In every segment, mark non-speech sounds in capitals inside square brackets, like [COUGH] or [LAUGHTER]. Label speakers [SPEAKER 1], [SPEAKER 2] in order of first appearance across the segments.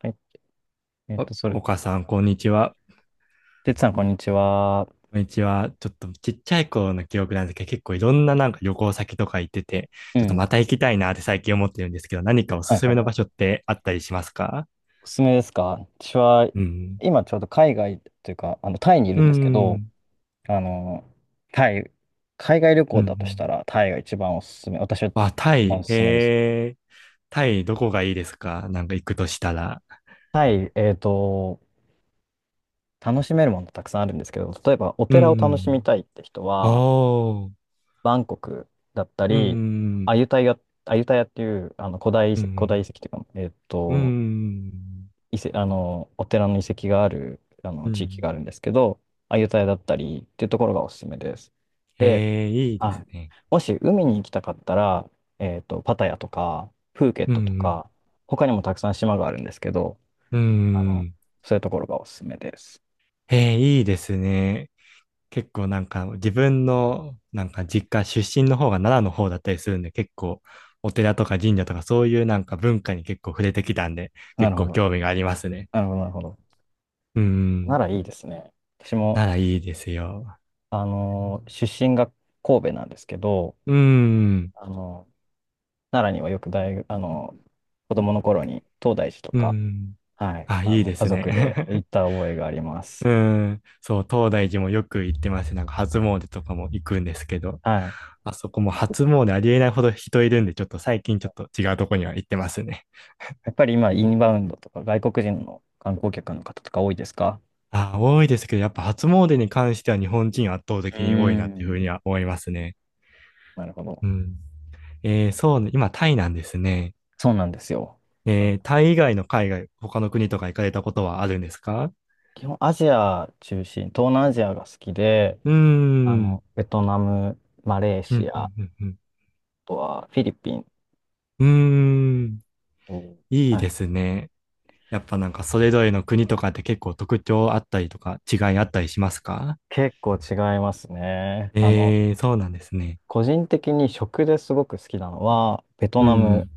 [SPEAKER 1] はい。えっと、そ
[SPEAKER 2] お、
[SPEAKER 1] れ、
[SPEAKER 2] お母
[SPEAKER 1] さ、
[SPEAKER 2] さん、こんにちは。
[SPEAKER 1] てつさん、こんにちは。
[SPEAKER 2] こんにちは。ちょっとちっちゃい頃の記憶なんですけど、結構いろんななんか旅行先とか行ってて、
[SPEAKER 1] う
[SPEAKER 2] ちょっと
[SPEAKER 1] ん。
[SPEAKER 2] また行きたいなって最近思ってるんですけど、何かお
[SPEAKER 1] は
[SPEAKER 2] す
[SPEAKER 1] い
[SPEAKER 2] す
[SPEAKER 1] は
[SPEAKER 2] め
[SPEAKER 1] い
[SPEAKER 2] の
[SPEAKER 1] は
[SPEAKER 2] 場所っ
[SPEAKER 1] い。
[SPEAKER 2] てあったりしますか？
[SPEAKER 1] おすすめですか？私は、
[SPEAKER 2] うん。
[SPEAKER 1] 今ちょうど海外というか、タイにいる
[SPEAKER 2] う
[SPEAKER 1] んですけど、
[SPEAKER 2] ん。
[SPEAKER 1] あの、タイ、海外旅
[SPEAKER 2] うん
[SPEAKER 1] 行
[SPEAKER 2] う
[SPEAKER 1] だとした
[SPEAKER 2] ん。
[SPEAKER 1] ら、タイが一番おすすめ。私は
[SPEAKER 2] あ、タ
[SPEAKER 1] 一番
[SPEAKER 2] イ。
[SPEAKER 1] おすすめです。
[SPEAKER 2] タイどこがいいですか、なんか行くとしたら？
[SPEAKER 1] タイ、えっと、楽しめるものたくさんあるんですけど、例えばお
[SPEAKER 2] う
[SPEAKER 1] 寺を楽しみ
[SPEAKER 2] ん。
[SPEAKER 1] たいって人は、
[SPEAKER 2] おー。
[SPEAKER 1] バンコクだった
[SPEAKER 2] う
[SPEAKER 1] り、
[SPEAKER 2] ん。
[SPEAKER 1] アユタヤ、アユタヤっていう、
[SPEAKER 2] う
[SPEAKER 1] 古
[SPEAKER 2] ん。
[SPEAKER 1] 代遺跡っていうか、えっ
[SPEAKER 2] う
[SPEAKER 1] と、
[SPEAKER 2] ん。
[SPEAKER 1] 遺跡、あの、お寺の遺跡がある、
[SPEAKER 2] う
[SPEAKER 1] 地域が
[SPEAKER 2] ん。
[SPEAKER 1] あるんですけど、アユタヤだったりっていうところがおすすめです。で、
[SPEAKER 2] えー、いいで
[SPEAKER 1] は
[SPEAKER 2] す
[SPEAKER 1] い。
[SPEAKER 2] ね。
[SPEAKER 1] もし海に行きたかったら、パタヤとか、プーケッ
[SPEAKER 2] う
[SPEAKER 1] トと
[SPEAKER 2] ん。
[SPEAKER 1] か、他にもたくさん島があるんですけど、
[SPEAKER 2] う
[SPEAKER 1] あの、
[SPEAKER 2] ん。
[SPEAKER 1] そういうところがおすすめです。
[SPEAKER 2] えー、いいですね。結構なんか自分のなんか実家出身の方が奈良の方だったりするんで、結構お寺とか神社とか、そういうなんか文化に結構触れてきたんで、
[SPEAKER 1] な
[SPEAKER 2] 結
[SPEAKER 1] るほ
[SPEAKER 2] 構
[SPEAKER 1] ど。
[SPEAKER 2] 興味がありますね。
[SPEAKER 1] なるほど、なるほど。
[SPEAKER 2] う
[SPEAKER 1] な
[SPEAKER 2] ん。
[SPEAKER 1] らいいですね。私も、
[SPEAKER 2] 奈良いいですよ。
[SPEAKER 1] あの、出身が神戸なんですけど、
[SPEAKER 2] うん。
[SPEAKER 1] あの、奈良にはよく大学、子供の頃に東大寺と
[SPEAKER 2] う
[SPEAKER 1] か、
[SPEAKER 2] ん。
[SPEAKER 1] はい。
[SPEAKER 2] あ、いいで
[SPEAKER 1] 家
[SPEAKER 2] すね。
[SPEAKER 1] 族で行った覚えがありま
[SPEAKER 2] [LAUGHS]
[SPEAKER 1] す。
[SPEAKER 2] うん。そう、東大寺もよく行ってますね。なんか初詣とかも行くんですけど、
[SPEAKER 1] はい。
[SPEAKER 2] あそこも初詣ありえないほど人いるんで、ちょっと最近ちょっと違うとこには行ってますね。
[SPEAKER 1] やっぱり今、インバウンドとか外国人の観光客の方とか多いですか？
[SPEAKER 2] あ、多いですけど、やっぱ初詣に関しては日本人圧倒
[SPEAKER 1] う
[SPEAKER 2] 的に多い
[SPEAKER 1] ー
[SPEAKER 2] なっていうふ
[SPEAKER 1] ん。
[SPEAKER 2] うには思いますね。
[SPEAKER 1] なるほど。
[SPEAKER 2] うん。えー、そうね、今タイなんですね。
[SPEAKER 1] そうなんですよ。あ
[SPEAKER 2] え
[SPEAKER 1] の
[SPEAKER 2] ー、タイ以外の海外、他の国とか行かれたことはあるんですか？
[SPEAKER 1] 基本アジア中心、東南アジアが好きで、
[SPEAKER 2] うーん。
[SPEAKER 1] ベトナム、マレー
[SPEAKER 2] うんう
[SPEAKER 1] シア、あ
[SPEAKER 2] んうんうん
[SPEAKER 1] とはフィリピン。
[SPEAKER 2] うーん。
[SPEAKER 1] おー。
[SPEAKER 2] いい
[SPEAKER 1] は
[SPEAKER 2] で
[SPEAKER 1] い。
[SPEAKER 2] すね。やっぱなんかそれぞれの国とかって、結構特徴あったりとか違いあったりしますか？
[SPEAKER 1] 結構違いますね。
[SPEAKER 2] えー、そうなんですね。
[SPEAKER 1] 個人的に食ですごく好きなのは、ベト
[SPEAKER 2] う
[SPEAKER 1] ナム。
[SPEAKER 2] ん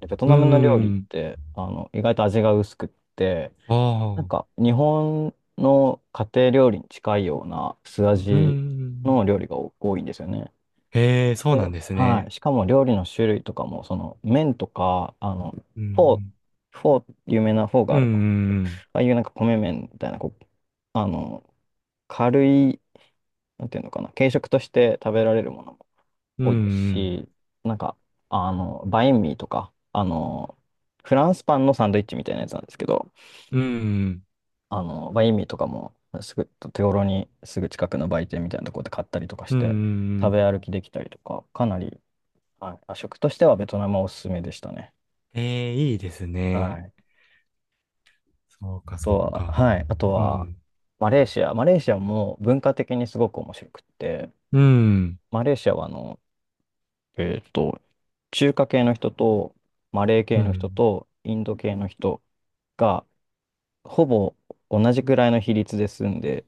[SPEAKER 1] ベト
[SPEAKER 2] うん。うー
[SPEAKER 1] ナムの料理っ
[SPEAKER 2] ん。
[SPEAKER 1] て、意外と味が薄くって、
[SPEAKER 2] あ
[SPEAKER 1] なんか
[SPEAKER 2] あ。
[SPEAKER 1] 日本の家庭料理に近いような素
[SPEAKER 2] う
[SPEAKER 1] 味の
[SPEAKER 2] ん。
[SPEAKER 1] 料理が多いんですよね。
[SPEAKER 2] へえ、そう
[SPEAKER 1] で、
[SPEAKER 2] なんです
[SPEAKER 1] は
[SPEAKER 2] ね。
[SPEAKER 1] い。しかも料理の種類とかも、その麺とか、
[SPEAKER 2] うんう
[SPEAKER 1] フォー、
[SPEAKER 2] ん
[SPEAKER 1] フォー、有名なフォーが
[SPEAKER 2] う
[SPEAKER 1] あると。
[SPEAKER 2] ん、
[SPEAKER 1] ああいうなんか米麺みたいな、こう、あの、軽い、なんていうのかな、軽食として食べられるものも
[SPEAKER 2] うん、う
[SPEAKER 1] 多いです
[SPEAKER 2] ん、
[SPEAKER 1] し、なんか、バインミーとか、フランスパンのサンドイッチみたいなやつなんですけど、
[SPEAKER 2] うん、
[SPEAKER 1] 意味とかも、すぐ、手頃にすぐ近くの売店みたいなところで買ったりとかし
[SPEAKER 2] うん、う
[SPEAKER 1] て、食
[SPEAKER 2] ん。
[SPEAKER 1] べ歩きできたりとか、かなり、はい、あ、食としてはベトナムはおすすめでしたね。
[SPEAKER 2] ええー、いいです
[SPEAKER 1] は
[SPEAKER 2] ね。
[SPEAKER 1] い。あ
[SPEAKER 2] そうか、そ
[SPEAKER 1] と
[SPEAKER 2] う
[SPEAKER 1] は、
[SPEAKER 2] か。
[SPEAKER 1] はい。あと
[SPEAKER 2] う
[SPEAKER 1] は、
[SPEAKER 2] ん、
[SPEAKER 1] マレーシア。マレーシアも文化的にすごく面白くって、
[SPEAKER 2] うん、
[SPEAKER 1] マレーシアはえっと、中華系の人と、マレー
[SPEAKER 2] う
[SPEAKER 1] 系の人
[SPEAKER 2] ん。
[SPEAKER 1] と、インド系の人が、ほぼ同じくらいの比率で住んで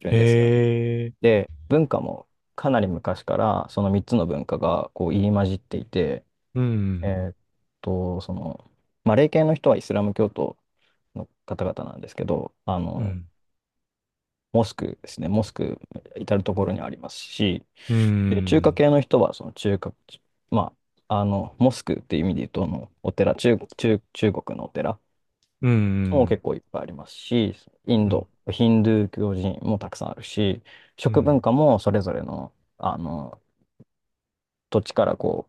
[SPEAKER 1] るん
[SPEAKER 2] え
[SPEAKER 1] ですよね。
[SPEAKER 2] え、
[SPEAKER 1] で、文化もかなり昔からその3つの文化がこう入り混じっていて、
[SPEAKER 2] う
[SPEAKER 1] え
[SPEAKER 2] ん、
[SPEAKER 1] ーっと、その、マレー系の人はイスラム教徒の方々なんですけど、
[SPEAKER 2] うん、
[SPEAKER 1] モスクですね、モスク至る所にありますし、
[SPEAKER 2] う
[SPEAKER 1] で、中華
[SPEAKER 2] ん、
[SPEAKER 1] 系の人はその中華、まモスクっていう意味で言うと、あのお寺、中、中、中国のお寺
[SPEAKER 2] うん、う
[SPEAKER 1] も
[SPEAKER 2] ん、
[SPEAKER 1] 結構いっぱいありますし、イン
[SPEAKER 2] うん、
[SPEAKER 1] ド、ヒンドゥー教寺院もたくさんあるし、
[SPEAKER 2] う
[SPEAKER 1] 食文
[SPEAKER 2] ん、
[SPEAKER 1] 化もそれぞれの、土地からこ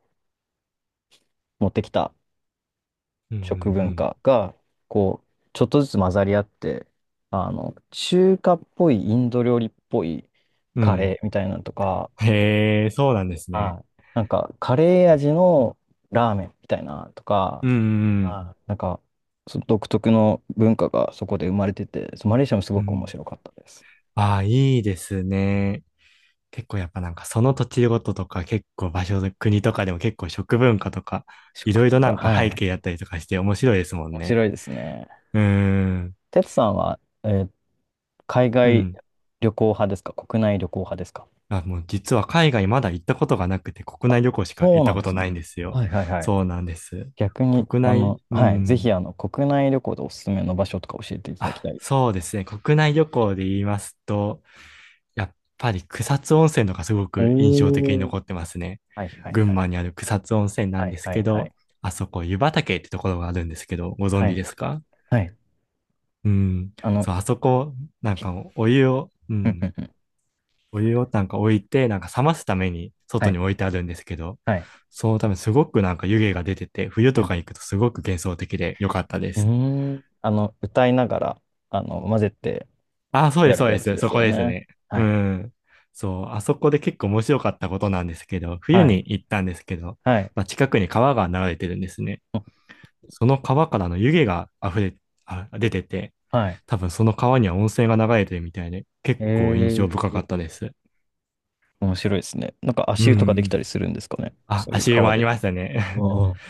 [SPEAKER 1] う持ってきた
[SPEAKER 2] う
[SPEAKER 1] 食文
[SPEAKER 2] ん。
[SPEAKER 1] 化がこうちょっとずつ混ざり合って、あの中華っぽいインド料理っぽい
[SPEAKER 2] う
[SPEAKER 1] カ
[SPEAKER 2] ん。
[SPEAKER 1] レーみたいなのとか、
[SPEAKER 2] へえ、そうなんですね。
[SPEAKER 1] はい、なんかカレー味のラーメンみたいなとか、
[SPEAKER 2] うん、うん、
[SPEAKER 1] はい、なんかその独特の文化がそこで生まれてて、そうマレーシアもす
[SPEAKER 2] う
[SPEAKER 1] ごく面
[SPEAKER 2] ん。
[SPEAKER 1] 白かったです。
[SPEAKER 2] ああ、いいですね。結構やっぱなんかその土地ごととか、結構場所、国とかでも結構食文化とか、
[SPEAKER 1] 食
[SPEAKER 2] いろいろ
[SPEAKER 1] 文
[SPEAKER 2] な
[SPEAKER 1] 化、
[SPEAKER 2] んか
[SPEAKER 1] は
[SPEAKER 2] 背景やっ
[SPEAKER 1] い。
[SPEAKER 2] たりとかして、面白いですもん
[SPEAKER 1] 面
[SPEAKER 2] ね。
[SPEAKER 1] 白いですね。
[SPEAKER 2] うーん。
[SPEAKER 1] テツさんは、えー海
[SPEAKER 2] う
[SPEAKER 1] 外
[SPEAKER 2] ん。
[SPEAKER 1] 旅行派ですか、国内旅行派ですか？
[SPEAKER 2] あ、もう実は海外まだ行ったことがなくて、国
[SPEAKER 1] あ、
[SPEAKER 2] 内旅行しか行
[SPEAKER 1] そ
[SPEAKER 2] っ
[SPEAKER 1] う
[SPEAKER 2] た
[SPEAKER 1] なん
[SPEAKER 2] こ
[SPEAKER 1] で
[SPEAKER 2] と
[SPEAKER 1] す
[SPEAKER 2] な
[SPEAKER 1] ね。
[SPEAKER 2] いんですよ。
[SPEAKER 1] はいはいはい。
[SPEAKER 2] そうなんです。
[SPEAKER 1] 逆に、
[SPEAKER 2] 国内、う
[SPEAKER 1] はい、ぜひ、
[SPEAKER 2] ん。
[SPEAKER 1] 国内旅行でおすすめの場所とか教えていただき
[SPEAKER 2] あ、
[SPEAKER 1] たいです。
[SPEAKER 2] そうですね。国内旅行で言いますと、やっぱり草津温泉のがすごく印象的に
[SPEAKER 1] おー。
[SPEAKER 2] 残ってますね。
[SPEAKER 1] はいはい
[SPEAKER 2] 群
[SPEAKER 1] はい。
[SPEAKER 2] 馬にある草津温泉な
[SPEAKER 1] は
[SPEAKER 2] ん
[SPEAKER 1] い
[SPEAKER 2] です
[SPEAKER 1] は
[SPEAKER 2] け
[SPEAKER 1] いは
[SPEAKER 2] ど、
[SPEAKER 1] い。
[SPEAKER 2] あそこ湯畑ってところがあるんですけど、ご存
[SPEAKER 1] は
[SPEAKER 2] 知
[SPEAKER 1] い。
[SPEAKER 2] ですか？
[SPEAKER 1] はい。
[SPEAKER 2] うん。
[SPEAKER 1] あの、
[SPEAKER 2] そう、あそこ、なん
[SPEAKER 1] ひ
[SPEAKER 2] かお湯を、う
[SPEAKER 1] うんう
[SPEAKER 2] ん。
[SPEAKER 1] んうん。
[SPEAKER 2] お湯をなんか置いて、なんか冷ますために
[SPEAKER 1] は
[SPEAKER 2] 外に
[SPEAKER 1] い。
[SPEAKER 2] 置いてあるんですけど、
[SPEAKER 1] はい。
[SPEAKER 2] そのためすごくなんか湯気が出てて、冬
[SPEAKER 1] う
[SPEAKER 2] とか行
[SPEAKER 1] ん。
[SPEAKER 2] くとすごく幻想的で良かったで
[SPEAKER 1] うー
[SPEAKER 2] す。
[SPEAKER 1] ん、あの、歌いながら、混ぜて
[SPEAKER 2] あ、そうで
[SPEAKER 1] や
[SPEAKER 2] す、そ
[SPEAKER 1] る
[SPEAKER 2] う
[SPEAKER 1] や
[SPEAKER 2] で
[SPEAKER 1] つ
[SPEAKER 2] す。
[SPEAKER 1] で
[SPEAKER 2] そ
[SPEAKER 1] す
[SPEAKER 2] こ
[SPEAKER 1] よ
[SPEAKER 2] です
[SPEAKER 1] ね。
[SPEAKER 2] ね。
[SPEAKER 1] は
[SPEAKER 2] う
[SPEAKER 1] い。
[SPEAKER 2] ん。そう、あそこで結構面白かったことなんですけど、冬
[SPEAKER 1] はい。
[SPEAKER 2] に行ったんですけど、
[SPEAKER 1] はい。
[SPEAKER 2] まあ、近くに川が流れてるんですね。
[SPEAKER 1] うん、
[SPEAKER 2] その川からの湯気が溢れ、あ、出てて、
[SPEAKER 1] はい。
[SPEAKER 2] 多分その川には温泉が流れてるみたいで、結構印象
[SPEAKER 1] え
[SPEAKER 2] 深か
[SPEAKER 1] ー、
[SPEAKER 2] ったです。
[SPEAKER 1] 面白いですね。なんか
[SPEAKER 2] う
[SPEAKER 1] 足湯とかでき
[SPEAKER 2] ん。
[SPEAKER 1] たりするんですかね。
[SPEAKER 2] あ、
[SPEAKER 1] そういう
[SPEAKER 2] 足湯も
[SPEAKER 1] 川
[SPEAKER 2] あり
[SPEAKER 1] で。
[SPEAKER 2] ましたね。
[SPEAKER 1] うん。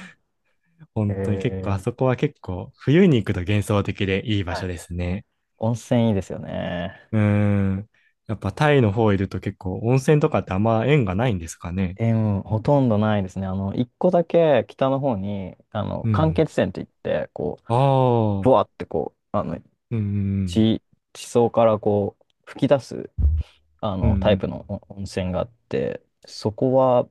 [SPEAKER 2] [LAUGHS]
[SPEAKER 1] え
[SPEAKER 2] 本当に結構、あ
[SPEAKER 1] ー、
[SPEAKER 2] そこは結構、冬に行くと幻想的でいい場
[SPEAKER 1] は
[SPEAKER 2] 所
[SPEAKER 1] い、
[SPEAKER 2] ですね。
[SPEAKER 1] 温泉いいですよね。
[SPEAKER 2] うん。やっぱタイの方いると、結構温泉とかってあんま縁がないんですかね。
[SPEAKER 1] え、うん、ほとんどないですね。一個だけ北の方に、
[SPEAKER 2] う
[SPEAKER 1] 間
[SPEAKER 2] ん。
[SPEAKER 1] 欠泉って言って、こう、
[SPEAKER 2] あ
[SPEAKER 1] ブ
[SPEAKER 2] あ、
[SPEAKER 1] ワーってこう、
[SPEAKER 2] うん、
[SPEAKER 1] 地、地層からこう、吹き出す、
[SPEAKER 2] う
[SPEAKER 1] タイプ
[SPEAKER 2] ん、
[SPEAKER 1] のお温泉があって、そこは、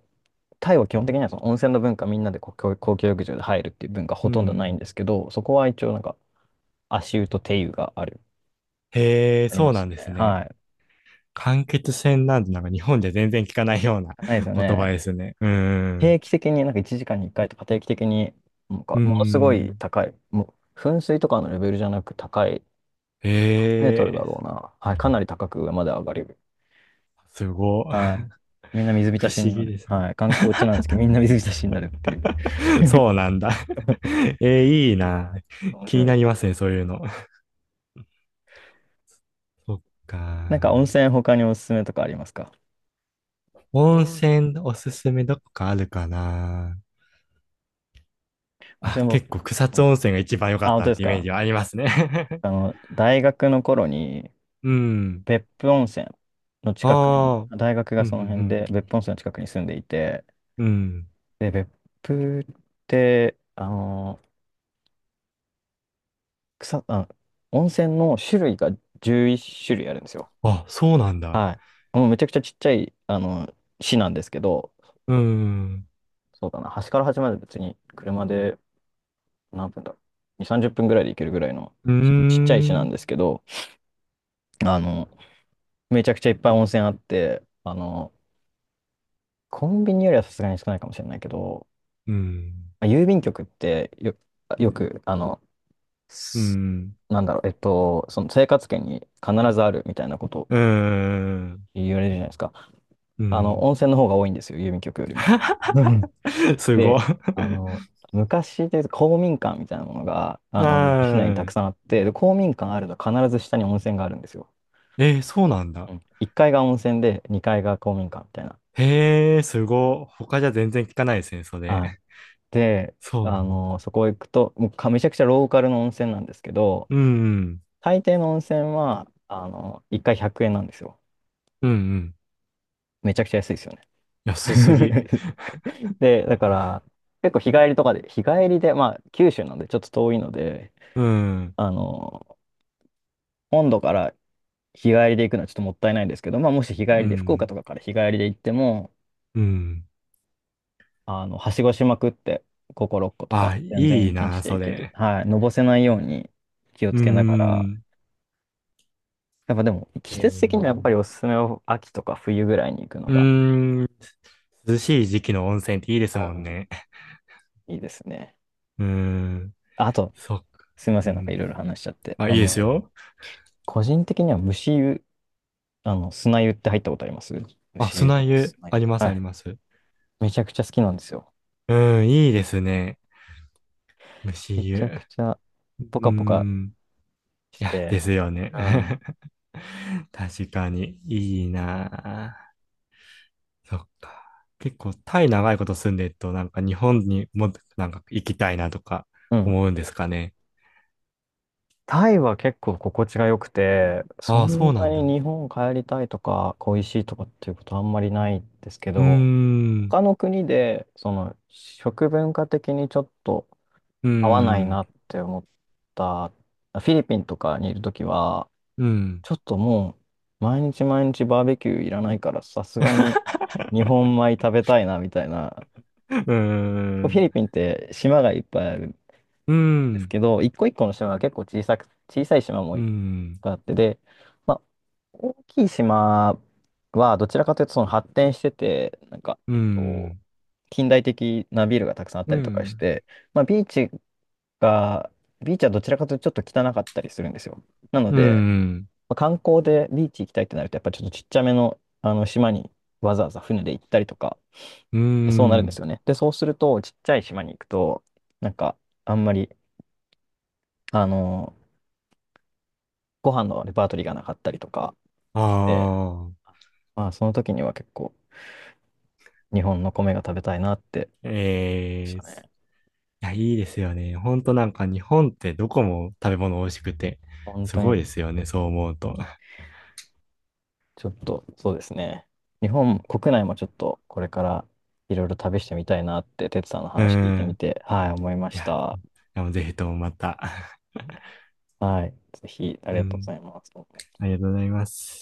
[SPEAKER 1] タイは基本的にはその温泉の文化みんなでこう公共浴場で入るっていう文化ほ
[SPEAKER 2] う
[SPEAKER 1] とんどないん
[SPEAKER 2] ん。
[SPEAKER 1] ですけど、そこは一応なんか足湯と手湯がある、
[SPEAKER 2] へえ、
[SPEAKER 1] あり
[SPEAKER 2] そ
[SPEAKER 1] ま
[SPEAKER 2] うな
[SPEAKER 1] す
[SPEAKER 2] んです
[SPEAKER 1] ね。
[SPEAKER 2] ね。
[SPEAKER 1] はい。
[SPEAKER 2] 間欠泉なんて、なんか日本じゃ全然聞かないような
[SPEAKER 1] ないですよ
[SPEAKER 2] [LAUGHS] 言葉
[SPEAKER 1] ね。
[SPEAKER 2] ですね。うん、
[SPEAKER 1] 定期的に、なんか1時間に1回とか定期的に、なんか
[SPEAKER 2] う
[SPEAKER 1] ものすごい
[SPEAKER 2] ん。
[SPEAKER 1] 高い、もう噴水とかのレベルじゃなく高い、
[SPEAKER 2] へ
[SPEAKER 1] 何メートルだ
[SPEAKER 2] え、
[SPEAKER 1] ろうな。はい、かなり高く上まで上がる。
[SPEAKER 2] すごい。
[SPEAKER 1] はい。
[SPEAKER 2] [LAUGHS]
[SPEAKER 1] みんな水
[SPEAKER 2] 不
[SPEAKER 1] 浸し
[SPEAKER 2] 思
[SPEAKER 1] にな
[SPEAKER 2] 議
[SPEAKER 1] る。
[SPEAKER 2] ですね。
[SPEAKER 1] はい。観光地なんですけど、みんな水浸しになるっていう。
[SPEAKER 2] [LAUGHS] そう
[SPEAKER 1] [LAUGHS]
[SPEAKER 2] なんだ。[LAUGHS] えー、いいな。
[SPEAKER 1] 面
[SPEAKER 2] 気
[SPEAKER 1] 白
[SPEAKER 2] に
[SPEAKER 1] い、
[SPEAKER 2] なります
[SPEAKER 1] は。
[SPEAKER 2] ね、そういうの。そっ
[SPEAKER 1] なんか温
[SPEAKER 2] か。
[SPEAKER 1] 泉他におすすめとかありますか？
[SPEAKER 2] 温泉おすすめ、どこかあるかな。
[SPEAKER 1] 温泉
[SPEAKER 2] あ、
[SPEAKER 1] も、
[SPEAKER 2] 結構草
[SPEAKER 1] うん、
[SPEAKER 2] 津温泉が一番良か
[SPEAKER 1] あ、
[SPEAKER 2] っ
[SPEAKER 1] 本
[SPEAKER 2] た
[SPEAKER 1] 当
[SPEAKER 2] っ
[SPEAKER 1] です
[SPEAKER 2] てイメー
[SPEAKER 1] か？
[SPEAKER 2] ジはありますね。[LAUGHS]
[SPEAKER 1] 大学の頃に
[SPEAKER 2] うん。
[SPEAKER 1] 別府温泉の近くに、
[SPEAKER 2] ああ、
[SPEAKER 1] 大学が
[SPEAKER 2] うん、う
[SPEAKER 1] その辺
[SPEAKER 2] ん、
[SPEAKER 1] で別府温泉の近くに住んでいて、
[SPEAKER 2] うん。うん。
[SPEAKER 1] で、別府って、あの草、あ、温泉の種類が11種類あるんですよ。
[SPEAKER 2] あ、そうなんだ。
[SPEAKER 1] はい。もうめちゃくちゃちっちゃい、市なんですけど、
[SPEAKER 2] うん。
[SPEAKER 1] そうだな、端から端まで別に車で何分だろう。2、30分ぐらいで行けるぐらいの
[SPEAKER 2] うー
[SPEAKER 1] ちっちゃい市なん
[SPEAKER 2] ん。
[SPEAKER 1] ですけど、あの、めちゃくちゃいっぱい温泉あって、コンビニよりはさすがに少ないかもしれないけど、
[SPEAKER 2] うん。
[SPEAKER 1] まあ郵便局ってよく、
[SPEAKER 2] うん。
[SPEAKER 1] なんだろう、その生活圏に必ずあるみたいなこと
[SPEAKER 2] う
[SPEAKER 1] を
[SPEAKER 2] ん。
[SPEAKER 1] 言われるじゃないですか。
[SPEAKER 2] うん。
[SPEAKER 1] 温泉の方が多いんですよ、郵便局よりも。うん。
[SPEAKER 2] [LAUGHS] すご
[SPEAKER 1] で、
[SPEAKER 2] い。
[SPEAKER 1] あの、昔でいうと公民館みたいなものが、
[SPEAKER 2] [LAUGHS]
[SPEAKER 1] 市内に
[SPEAKER 2] な
[SPEAKER 1] たく
[SPEAKER 2] あ。
[SPEAKER 1] さんあって、で、公民館あると必ず下に温泉があるんですよ。
[SPEAKER 2] えー、そうなんだ。
[SPEAKER 1] うん、1階が温泉で、2階が公民館みたいな。
[SPEAKER 2] へえ、すごい。他じゃ全然聞かないですね、そ
[SPEAKER 1] はい。
[SPEAKER 2] れ。
[SPEAKER 1] で、
[SPEAKER 2] そうなんだ。
[SPEAKER 1] そこ行くと、もうめちゃくちゃローカルの温泉なんですけど、
[SPEAKER 2] うん。
[SPEAKER 1] 大抵の温泉は、1回100円なんですよ。
[SPEAKER 2] うん。うん。
[SPEAKER 1] めちゃくちゃ安いですよね。
[SPEAKER 2] 安すぎ。
[SPEAKER 1] [LAUGHS] で、だから、結構日帰りとかで、日帰りで、まあ、九州なんでちょっと遠いので、
[SPEAKER 2] うん。
[SPEAKER 1] あの、本土から日帰りで行くのはちょっともったいないんですけど、まあ、もし日帰
[SPEAKER 2] う
[SPEAKER 1] りで、福岡
[SPEAKER 2] ん。
[SPEAKER 1] とかから日帰りで行っても、
[SPEAKER 2] うん。
[SPEAKER 1] はしごしまくって、5個、6個とか、
[SPEAKER 2] あ、
[SPEAKER 1] 全う然
[SPEAKER 2] い
[SPEAKER 1] ん
[SPEAKER 2] い
[SPEAKER 1] 1日
[SPEAKER 2] な、
[SPEAKER 1] で
[SPEAKER 2] そ
[SPEAKER 1] 行ける。
[SPEAKER 2] れ。
[SPEAKER 1] はい、のぼせないように気を
[SPEAKER 2] う
[SPEAKER 1] つけながら、
[SPEAKER 2] ん。
[SPEAKER 1] やっぱでも、季
[SPEAKER 2] え
[SPEAKER 1] 節
[SPEAKER 2] ー、
[SPEAKER 1] 的にはやっぱりおすすめは秋とか冬ぐらいに行くの
[SPEAKER 2] う
[SPEAKER 1] が、
[SPEAKER 2] ーん。涼しい時期の温泉っていいで
[SPEAKER 1] う
[SPEAKER 2] すもん
[SPEAKER 1] ん、
[SPEAKER 2] ね。
[SPEAKER 1] いいですね。
[SPEAKER 2] うーん。
[SPEAKER 1] あと、
[SPEAKER 2] そっか。
[SPEAKER 1] すみま
[SPEAKER 2] う
[SPEAKER 1] せん、なんかい
[SPEAKER 2] ん。
[SPEAKER 1] ろいろ話しちゃって。
[SPEAKER 2] あ、いいですよ。
[SPEAKER 1] 個人的には蒸し湯、砂湯って入ったことあります？
[SPEAKER 2] あ、
[SPEAKER 1] 牛湯
[SPEAKER 2] 砂
[SPEAKER 1] とか
[SPEAKER 2] 湯、
[SPEAKER 1] 砂
[SPEAKER 2] あ
[SPEAKER 1] 湯。
[SPEAKER 2] ります
[SPEAKER 1] は
[SPEAKER 2] あり
[SPEAKER 1] い。
[SPEAKER 2] ます。う
[SPEAKER 1] めちゃくちゃ好きなんですよ。
[SPEAKER 2] ん、いいですね。蒸
[SPEAKER 1] め
[SPEAKER 2] し湯。
[SPEAKER 1] ちゃ
[SPEAKER 2] う
[SPEAKER 1] くちゃポ
[SPEAKER 2] ー
[SPEAKER 1] カポカ
[SPEAKER 2] ん。
[SPEAKER 1] し
[SPEAKER 2] いや、
[SPEAKER 1] て、
[SPEAKER 2] ですよね。
[SPEAKER 1] うん。
[SPEAKER 2] [LAUGHS] 確かに、いいなあ。そっか。結構、タイ長いこと住んでると、なんか日本にも、なんか行きたいなとか
[SPEAKER 1] うん。
[SPEAKER 2] 思うんですかね。
[SPEAKER 1] タイは結構心地が良くて、そ
[SPEAKER 2] ああ、
[SPEAKER 1] ん
[SPEAKER 2] そ
[SPEAKER 1] ん
[SPEAKER 2] うな
[SPEAKER 1] な
[SPEAKER 2] ん
[SPEAKER 1] に
[SPEAKER 2] だ。
[SPEAKER 1] 日本帰りたいとか恋しいとかっていうことあんまりないんですけ
[SPEAKER 2] うー
[SPEAKER 1] ど、
[SPEAKER 2] ん。
[SPEAKER 1] 他の国でその食文化的にちょっと
[SPEAKER 2] うー
[SPEAKER 1] 合わない
[SPEAKER 2] ん。
[SPEAKER 1] なって思ったフィリピンとかにいるときは、
[SPEAKER 2] うん。
[SPEAKER 1] ちょっともう毎日毎日バーベキューいらないからさすがに日本米食べたいなみたいな。
[SPEAKER 2] うー
[SPEAKER 1] 結構フィ
[SPEAKER 2] ん。
[SPEAKER 1] リピンって島がいっぱいあるん
[SPEAKER 2] う
[SPEAKER 1] です
[SPEAKER 2] ん。
[SPEAKER 1] けど、一個一個の島が結構小さく、小さい島も
[SPEAKER 2] う
[SPEAKER 1] いっ
[SPEAKER 2] ん。
[SPEAKER 1] ぱいあってで、まあ、大きい島はどちらかというとその発展してて、
[SPEAKER 2] うん。
[SPEAKER 1] 近代的なビルがたくさんあっ
[SPEAKER 2] う
[SPEAKER 1] たりとかし
[SPEAKER 2] ん。
[SPEAKER 1] て、まあ、が、ビーチはどちらかというとちょっと汚かったりするんですよ。なの
[SPEAKER 2] う
[SPEAKER 1] で、
[SPEAKER 2] ん。
[SPEAKER 1] まあ観光でビーチ行きたいってなると、やっぱちょっとちっちゃめの、あの島にわざわざ船で行ったりとか、
[SPEAKER 2] う
[SPEAKER 1] でそうなるんで
[SPEAKER 2] ん。
[SPEAKER 1] すよね。で、そうすると、ちっちゃい島に行くと、なんか、あんまり、あの、ご飯のレパートリーがなかったりとか
[SPEAKER 2] あ
[SPEAKER 1] して、
[SPEAKER 2] あ。
[SPEAKER 1] まあ、その時には結構、日本の米が食べたいなってでし
[SPEAKER 2] ええ
[SPEAKER 1] た
[SPEAKER 2] ーす。
[SPEAKER 1] ね。
[SPEAKER 2] いや、いいですよね。ほんとなんか日本ってどこも食べ物美味しくて、
[SPEAKER 1] 本
[SPEAKER 2] す
[SPEAKER 1] 当
[SPEAKER 2] ご
[SPEAKER 1] に、
[SPEAKER 2] い
[SPEAKER 1] う
[SPEAKER 2] で
[SPEAKER 1] ん。
[SPEAKER 2] すよね、そう思うと。
[SPEAKER 1] ちょっと、そうですね。日本国内もちょっと、これから、いろいろ旅してみたいなって、哲さんの
[SPEAKER 2] う
[SPEAKER 1] 話聞いてみ
[SPEAKER 2] ん。
[SPEAKER 1] て、はい、思いま
[SPEAKER 2] い
[SPEAKER 1] し
[SPEAKER 2] や、
[SPEAKER 1] た。
[SPEAKER 2] でもぜひともまた。[LAUGHS]
[SPEAKER 1] はい、ぜひ、あり
[SPEAKER 2] う
[SPEAKER 1] がとうござ
[SPEAKER 2] ん。
[SPEAKER 1] います。
[SPEAKER 2] ありがとうございます。